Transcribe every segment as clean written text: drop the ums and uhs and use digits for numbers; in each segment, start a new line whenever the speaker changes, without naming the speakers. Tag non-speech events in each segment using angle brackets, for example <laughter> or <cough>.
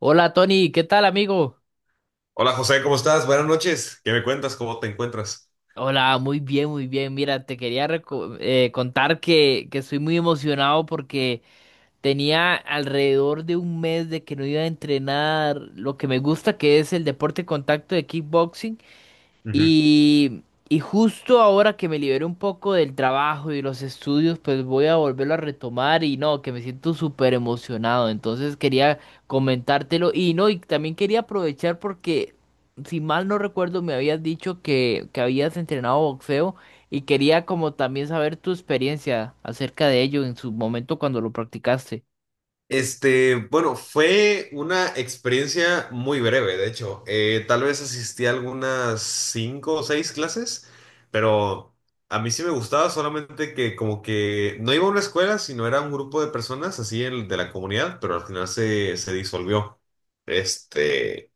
Hola Tony, ¿qué tal amigo?
Hola José, ¿cómo estás? Buenas noches. ¿Qué me cuentas? ¿Cómo te encuentras?
Hola, muy bien, muy bien. Mira, te quería contar que estoy muy emocionado porque tenía alrededor de un mes de que no iba a entrenar lo que me gusta, que es el deporte de contacto de kickboxing.
Ujú.
Y, y justo ahora que me liberé un poco del trabajo y los estudios, pues voy a volverlo a retomar y no, que me siento súper emocionado. Entonces quería comentártelo y no, y también quería aprovechar porque, si mal no recuerdo, me habías dicho que habías entrenado boxeo y quería como también saber tu experiencia acerca de ello en su momento cuando lo practicaste.
Este, bueno, fue una experiencia muy breve, de hecho. Tal vez asistí a algunas 5 o 6 clases, pero a mí sí me gustaba, solamente que como que no iba a una escuela, sino era un grupo de personas así de la comunidad, pero al final se disolvió. Este,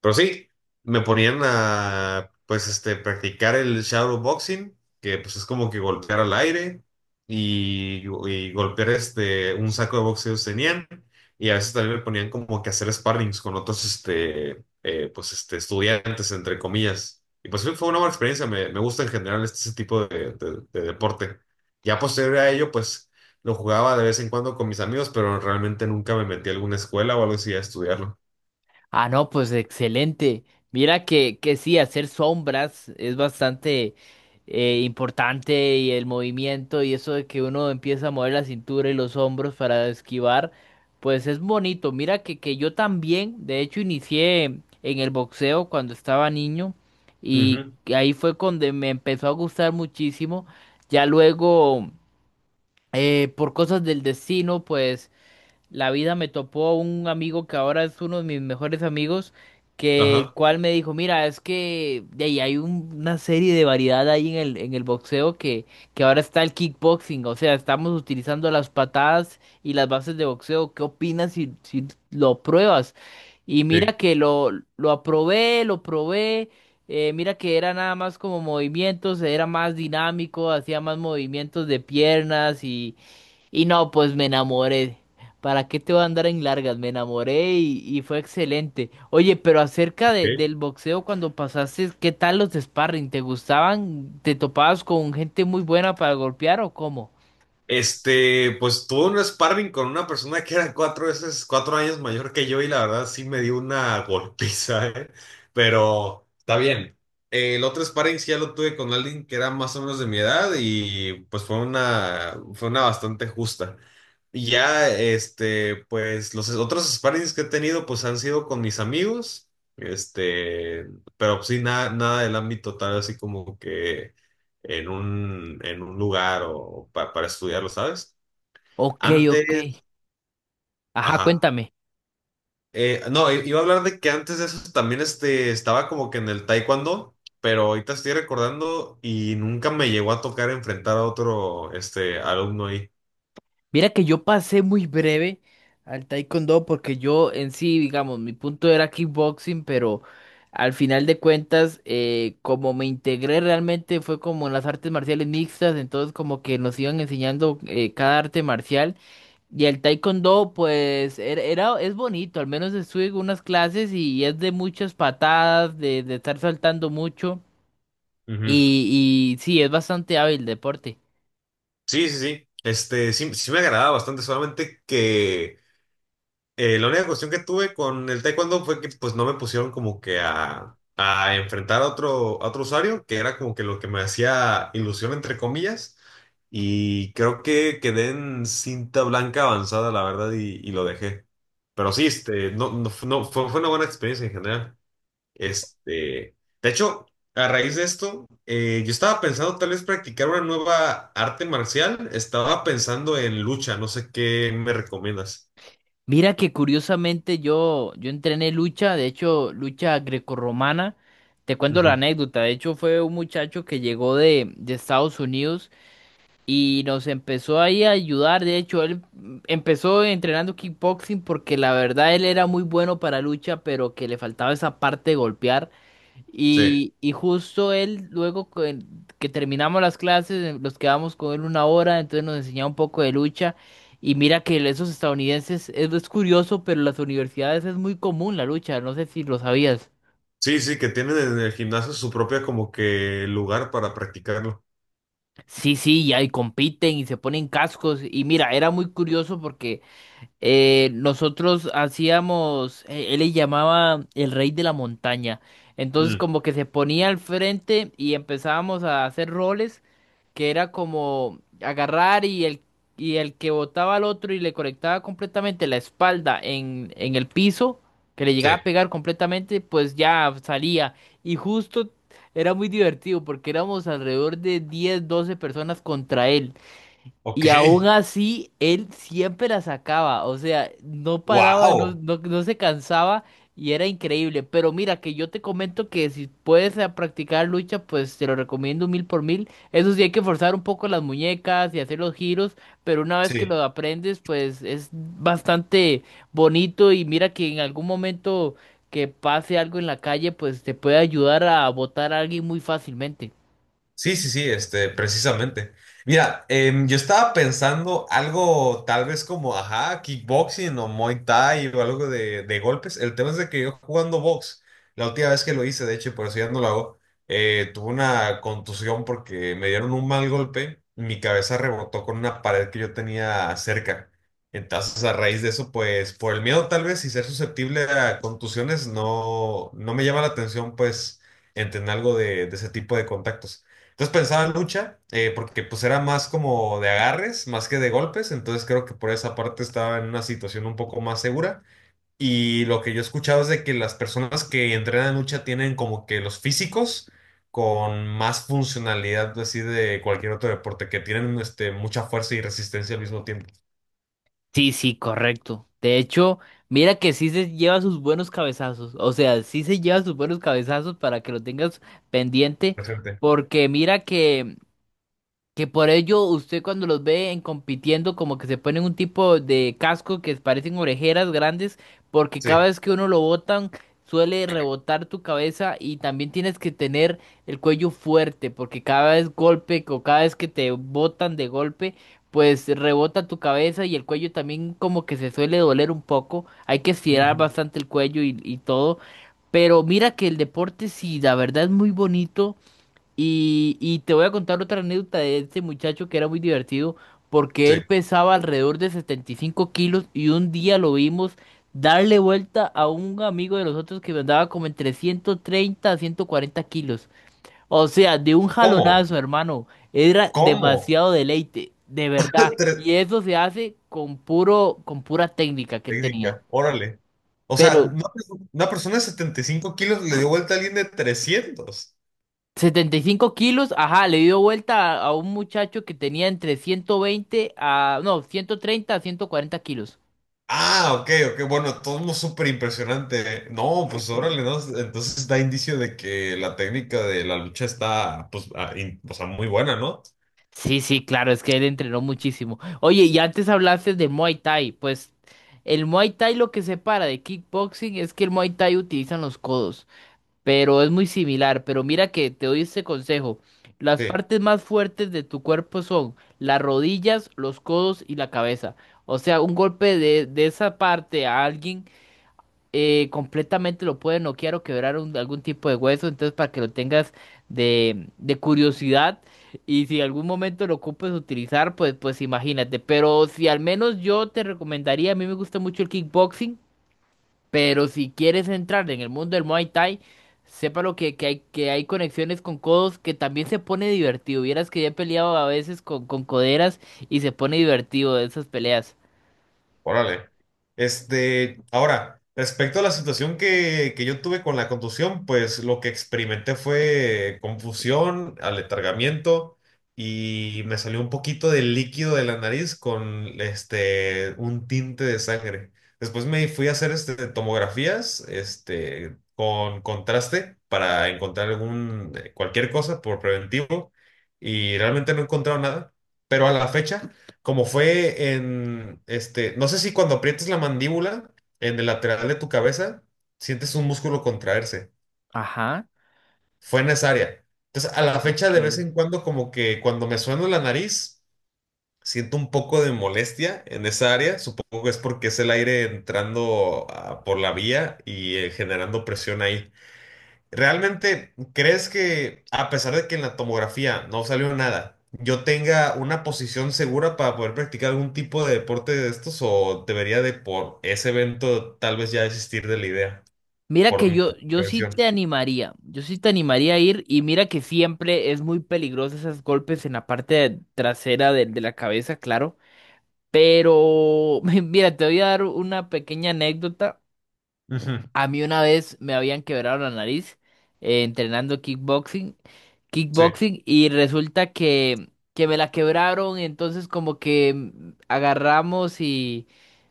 Pero sí, me ponían a, pues, practicar el shadowboxing, que pues es como que golpear al aire y, y golpear un saco de boxeo que tenían. Y a veces también me ponían como que hacer sparrings con otros, estudiantes, entre comillas. Y pues sí, fue una buena experiencia, me gusta en general ese tipo de, de deporte. Ya posterior a ello, pues, lo jugaba de vez en cuando con mis amigos, pero realmente nunca me metí a alguna escuela o algo así a estudiarlo.
Ah, no, pues excelente. Mira que sí, hacer sombras es bastante importante y el movimiento y eso de que uno empieza a mover la cintura y los hombros para esquivar, pues es bonito. Mira que yo también, de hecho, inicié en el boxeo cuando estaba niño y
Ujú.
ahí fue cuando me empezó a gustar muchísimo. Ya luego, por cosas del destino, pues la vida me topó un amigo que ahora es uno de mis mejores amigos, que el
Ajá,
cual me dijo, mira, es que de ahí hay una serie de variedad ahí en el boxeo que ahora está el kickboxing, o sea, estamos utilizando las patadas y las bases de boxeo. ¿Qué opinas si lo pruebas? Y
sí.
mira que lo probé. Mira que era nada más como movimientos, era más dinámico, hacía más movimientos de piernas y no, pues me enamoré. ¿Para qué te voy a andar en largas? Me enamoré y fue excelente. Oye, pero acerca de-
Ok.
del boxeo cuando pasaste, ¿qué tal los sparring? ¿Te gustaban? ¿Te topabas con gente muy buena para golpear o cómo?
Este, pues tuve un sparring con una persona que era cuatro años mayor que yo y la verdad sí me dio una golpiza, ¿eh? Pero está bien. El otro sparring sí ya lo tuve con alguien que era más o menos de mi edad y pues fue fue una bastante justa. Y ya, pues los otros sparrings que he tenido, pues han sido con mis amigos, este, pero pues, sí, nada, nada del ámbito tal, así como que en en un lugar o para estudiarlo, ¿sabes?
Ok, ok.
Antes,
Ajá,
ajá.
cuéntame.
No, iba a hablar de que antes de eso también estaba como que en el taekwondo, pero ahorita estoy recordando y nunca me llegó a tocar enfrentar a otro, alumno ahí.
Mira que yo pasé muy breve al taekwondo porque yo en sí, digamos, mi punto era kickboxing, pero al final de cuentas, como me integré realmente fue como en las artes marciales mixtas, entonces como que nos iban enseñando cada arte marcial. Y el taekwondo, pues, es bonito, al menos estuve en unas clases y es de muchas patadas, de estar saltando mucho.
Ujú.
Y sí, es bastante hábil el deporte.
Sí, sí, sí. Este, sí, sí me agradaba bastante, solamente que la única cuestión que tuve con el taekwondo fue que pues no me pusieron como que a enfrentar a otro usuario, que era como que lo que me hacía ilusión entre comillas, y creo que quedé en cinta blanca avanzada, la verdad, y lo dejé. Pero sí, este, no, no, fu- no, fue, fue una buena experiencia en general. Este, de hecho, a raíz de esto, yo estaba pensando tal vez practicar una nueva arte marcial. Estaba pensando en lucha, no sé qué me recomiendas.
Mira que curiosamente yo entrené lucha, de hecho, lucha grecorromana. Te cuento la
Ujú.
anécdota, de hecho fue un muchacho que llegó de Estados Unidos y nos empezó ahí a ayudar. De hecho, él empezó entrenando kickboxing porque la verdad él era muy bueno para lucha, pero que le faltaba esa parte de golpear.
Sí,
Y justo él, luego que terminamos las clases, nos quedamos con él una hora, entonces nos enseñaba un poco de lucha. Y mira que esos estadounidenses, es curioso, pero en las universidades es muy común la lucha, no sé si lo sabías.
sí, sí, que tienen en el gimnasio su propia como que lugar para practicarlo.
Sí, sí, y ahí compiten y se ponen cascos. Y mira, era muy curioso porque nosotros hacíamos, él le llamaba el rey de la montaña. Entonces
Mm,
como que se ponía al frente y empezábamos a hacer roles que era como agarrar y el que botaba al otro y le conectaba completamente la espalda en el piso, que le
sí.
llegaba a pegar completamente, pues ya salía. Y justo era muy divertido porque éramos alrededor de 10 12 personas contra él.
Ok.
Y aún
<laughs>
así, él siempre la sacaba, o sea, no paraba, no,
Wow.
no, no se cansaba y era increíble. Pero mira, que yo te comento que si puedes practicar lucha, pues te lo recomiendo mil por mil. Eso sí, hay que forzar un poco las muñecas y hacer los giros, pero una vez que
Sí.
lo aprendes, pues es bastante bonito y mira que en algún momento que pase algo en la calle, pues te puede ayudar a botar a alguien muy fácilmente.
Sí, sí, sí, precisamente. Mira, yo estaba pensando algo tal vez como, ajá, kickboxing o Muay Thai o algo de golpes. El tema es de que yo jugando box, la última vez que lo hice, de hecho, y por eso ya no lo hago, tuve una contusión porque me dieron un mal golpe, mi cabeza rebotó con una pared que yo tenía cerca. Entonces, a raíz de eso, pues, por el miedo tal vez y ser susceptible a contusiones, no, no me llama la atención, pues, entender algo de ese tipo de contactos. Entonces pensaba en lucha, porque pues era más como de agarres, más que de golpes, entonces creo que por esa parte estaba en una situación un poco más segura. Y lo que yo he escuchado es de que las personas que entrenan lucha tienen como que los físicos con más funcionalidad así de cualquier otro deporte, que tienen mucha fuerza y resistencia al mismo tiempo.
Sí, sí, correcto. De hecho, mira que sí se lleva sus buenos cabezazos. O sea, sí se lleva sus buenos cabezazos para que lo tengas pendiente.
Presente.
Porque mira que por ello usted cuando los ve en compitiendo como que se ponen un tipo de casco que parecen orejeras grandes porque cada
Sí.
vez que uno lo botan suele rebotar tu cabeza y también tienes que tener el cuello fuerte porque cada vez golpe o cada vez que te botan de golpe pues rebota tu cabeza y el cuello también como que se suele doler un poco. Hay que estirar
Ujú.
bastante el cuello y todo. Pero mira que el deporte sí, la verdad es muy bonito. Y te voy a contar otra anécdota de este muchacho que era muy divertido porque
Sí.
él pesaba alrededor de 75 kilos y un día lo vimos darle vuelta a un amigo de nosotros que andaba como entre 130 a 140 kilos. O sea, de un
¿Cómo?
jalonazo, hermano. Era
¿Cómo?
demasiado deleite, de verdad.
<laughs> Tres,
Y eso se hace con pura técnica que él tenía.
Técnica, órale. O sea,
Pero
una persona de 75 kilos le dio vuelta a alguien de 300.
75 kilos, ajá, le dio vuelta a un muchacho que tenía entre 120 a, no, 130 a 140 kilos.
Ah, ok, ok, bueno, todo súper impresionante. No, pues órale, ¿no? Entonces da indicio de que la técnica de la lucha está, pues, o sea, muy buena, ¿no?
Sí, sí, claro, es que él entrenó muchísimo. Oye, y antes hablaste de Muay Thai, pues el Muay Thai lo que separa de kickboxing es que el Muay Thai utilizan los codos, pero es muy similar, pero mira que te doy este consejo. Las
Sí.
partes más fuertes de tu cuerpo son las rodillas, los codos y la cabeza. O sea, un golpe de esa parte a alguien completamente lo puede noquear o quebrar algún tipo de hueso, entonces para que lo tengas de curiosidad y si algún momento lo ocupes utilizar, pues, pues imagínate, pero si al menos yo te recomendaría, a mí me gusta mucho el kickboxing, pero si quieres entrar en el mundo del Muay Thai, sépalo que hay conexiones con codos que también se pone divertido, vieras que ya he peleado a veces con coderas y se pone divertido de esas peleas.
Órale. Este, ahora, respecto a la situación que yo tuve con la contusión, pues lo que experimenté fue confusión, aletargamiento y me salió un poquito de líquido de la nariz con un tinte de sangre. Después me fui a hacer tomografías con contraste para encontrar algún, cualquier cosa por preventivo y realmente no he encontrado nada, pero a la fecha como fue en, no sé si cuando aprietas la mandíbula en el lateral de tu cabeza, sientes un músculo contraerse.
Ajá.
Fue en esa área. Entonces, a la fecha,
Ok.
de vez en cuando, como que cuando me sueno la nariz, siento un poco de molestia en esa área. Supongo que es porque es el aire entrando por la vía y generando presión ahí. ¿Realmente crees que a pesar de que en la tomografía no salió nada, yo tenga una posición segura para poder practicar algún tipo de deporte de estos o debería de por ese evento tal vez ya desistir de la idea
Mira
por
que
mi
yo, yo sí
prevención?
te animaría, yo sí te animaría a ir y mira que siempre es muy peligroso esos golpes en la parte trasera de la cabeza, claro, pero <laughs> mira, te voy a dar una pequeña anécdota.
Ujú,
A mí una vez me habían quebrado la nariz entrenando kickboxing,
sí,
kickboxing y resulta que me la quebraron, entonces como que agarramos y...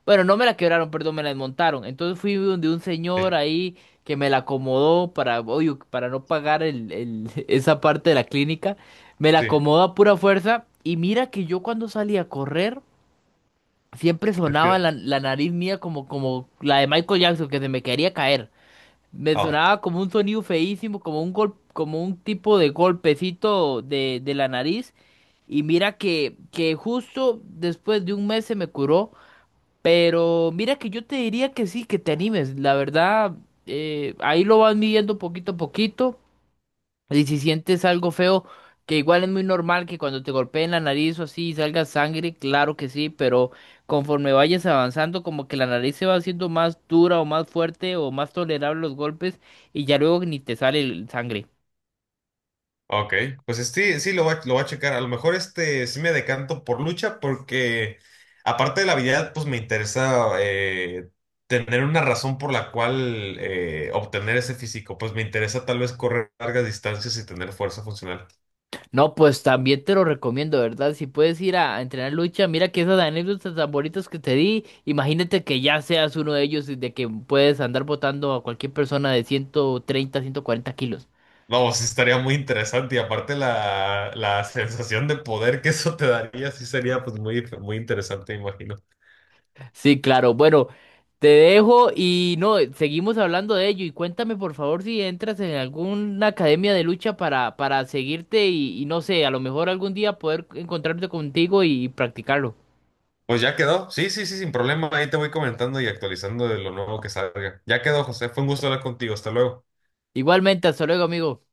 Bueno, no me la quebraron, perdón, me la desmontaron. Entonces fui donde un
sí,
señor ahí que me la acomodó para, oye, para no pagar <laughs> esa parte de la clínica. Me la
sí.
acomodó a pura fuerza y mira que yo cuando salí a correr siempre
Respira.
sonaba la nariz mía como la de Michael Jackson que se me quería caer. Me
Ah.
sonaba como un sonido feísimo, como un gol, como un tipo de golpecito de la nariz. Y mira que justo después de un mes se me curó. Pero mira que yo te diría que sí, que te animes. La verdad, ahí lo vas midiendo poquito a poquito. Y si sientes algo feo, que igual es muy normal que cuando te golpeen la nariz o así salga sangre, claro que sí, pero conforme vayas avanzando, como que la nariz se va haciendo más dura o más fuerte o más tolerable los golpes y ya luego ni te sale el sangre.
Ok, pues sí, lo voy a checar. A lo mejor sí me decanto por lucha porque aparte de la habilidad, pues me interesa tener una razón por la cual obtener ese físico. Pues me interesa tal vez correr largas distancias y tener fuerza funcional.
No, pues también te lo recomiendo, ¿verdad? Si puedes ir a entrenar lucha, mira que esas anécdotas tan bonitas que te di, imagínate que ya seas uno de ellos y de que puedes andar botando a cualquier persona de 130 140 kilos.
No, sí estaría muy interesante y aparte la sensación de poder que eso te daría sí sería pues muy, muy interesante, me imagino.
Sí, claro. Bueno, te dejo y no, seguimos hablando de ello. Y cuéntame, por favor, si entras en alguna academia de lucha para seguirte y no sé, a lo mejor algún día poder encontrarte contigo y practicarlo.
Pues ya quedó. Sí, sí, sí, sin problema. Ahí te voy comentando y actualizando de lo nuevo que salga. Ya quedó, José. Fue un gusto hablar contigo. Hasta luego.
Igualmente, hasta luego, amigo.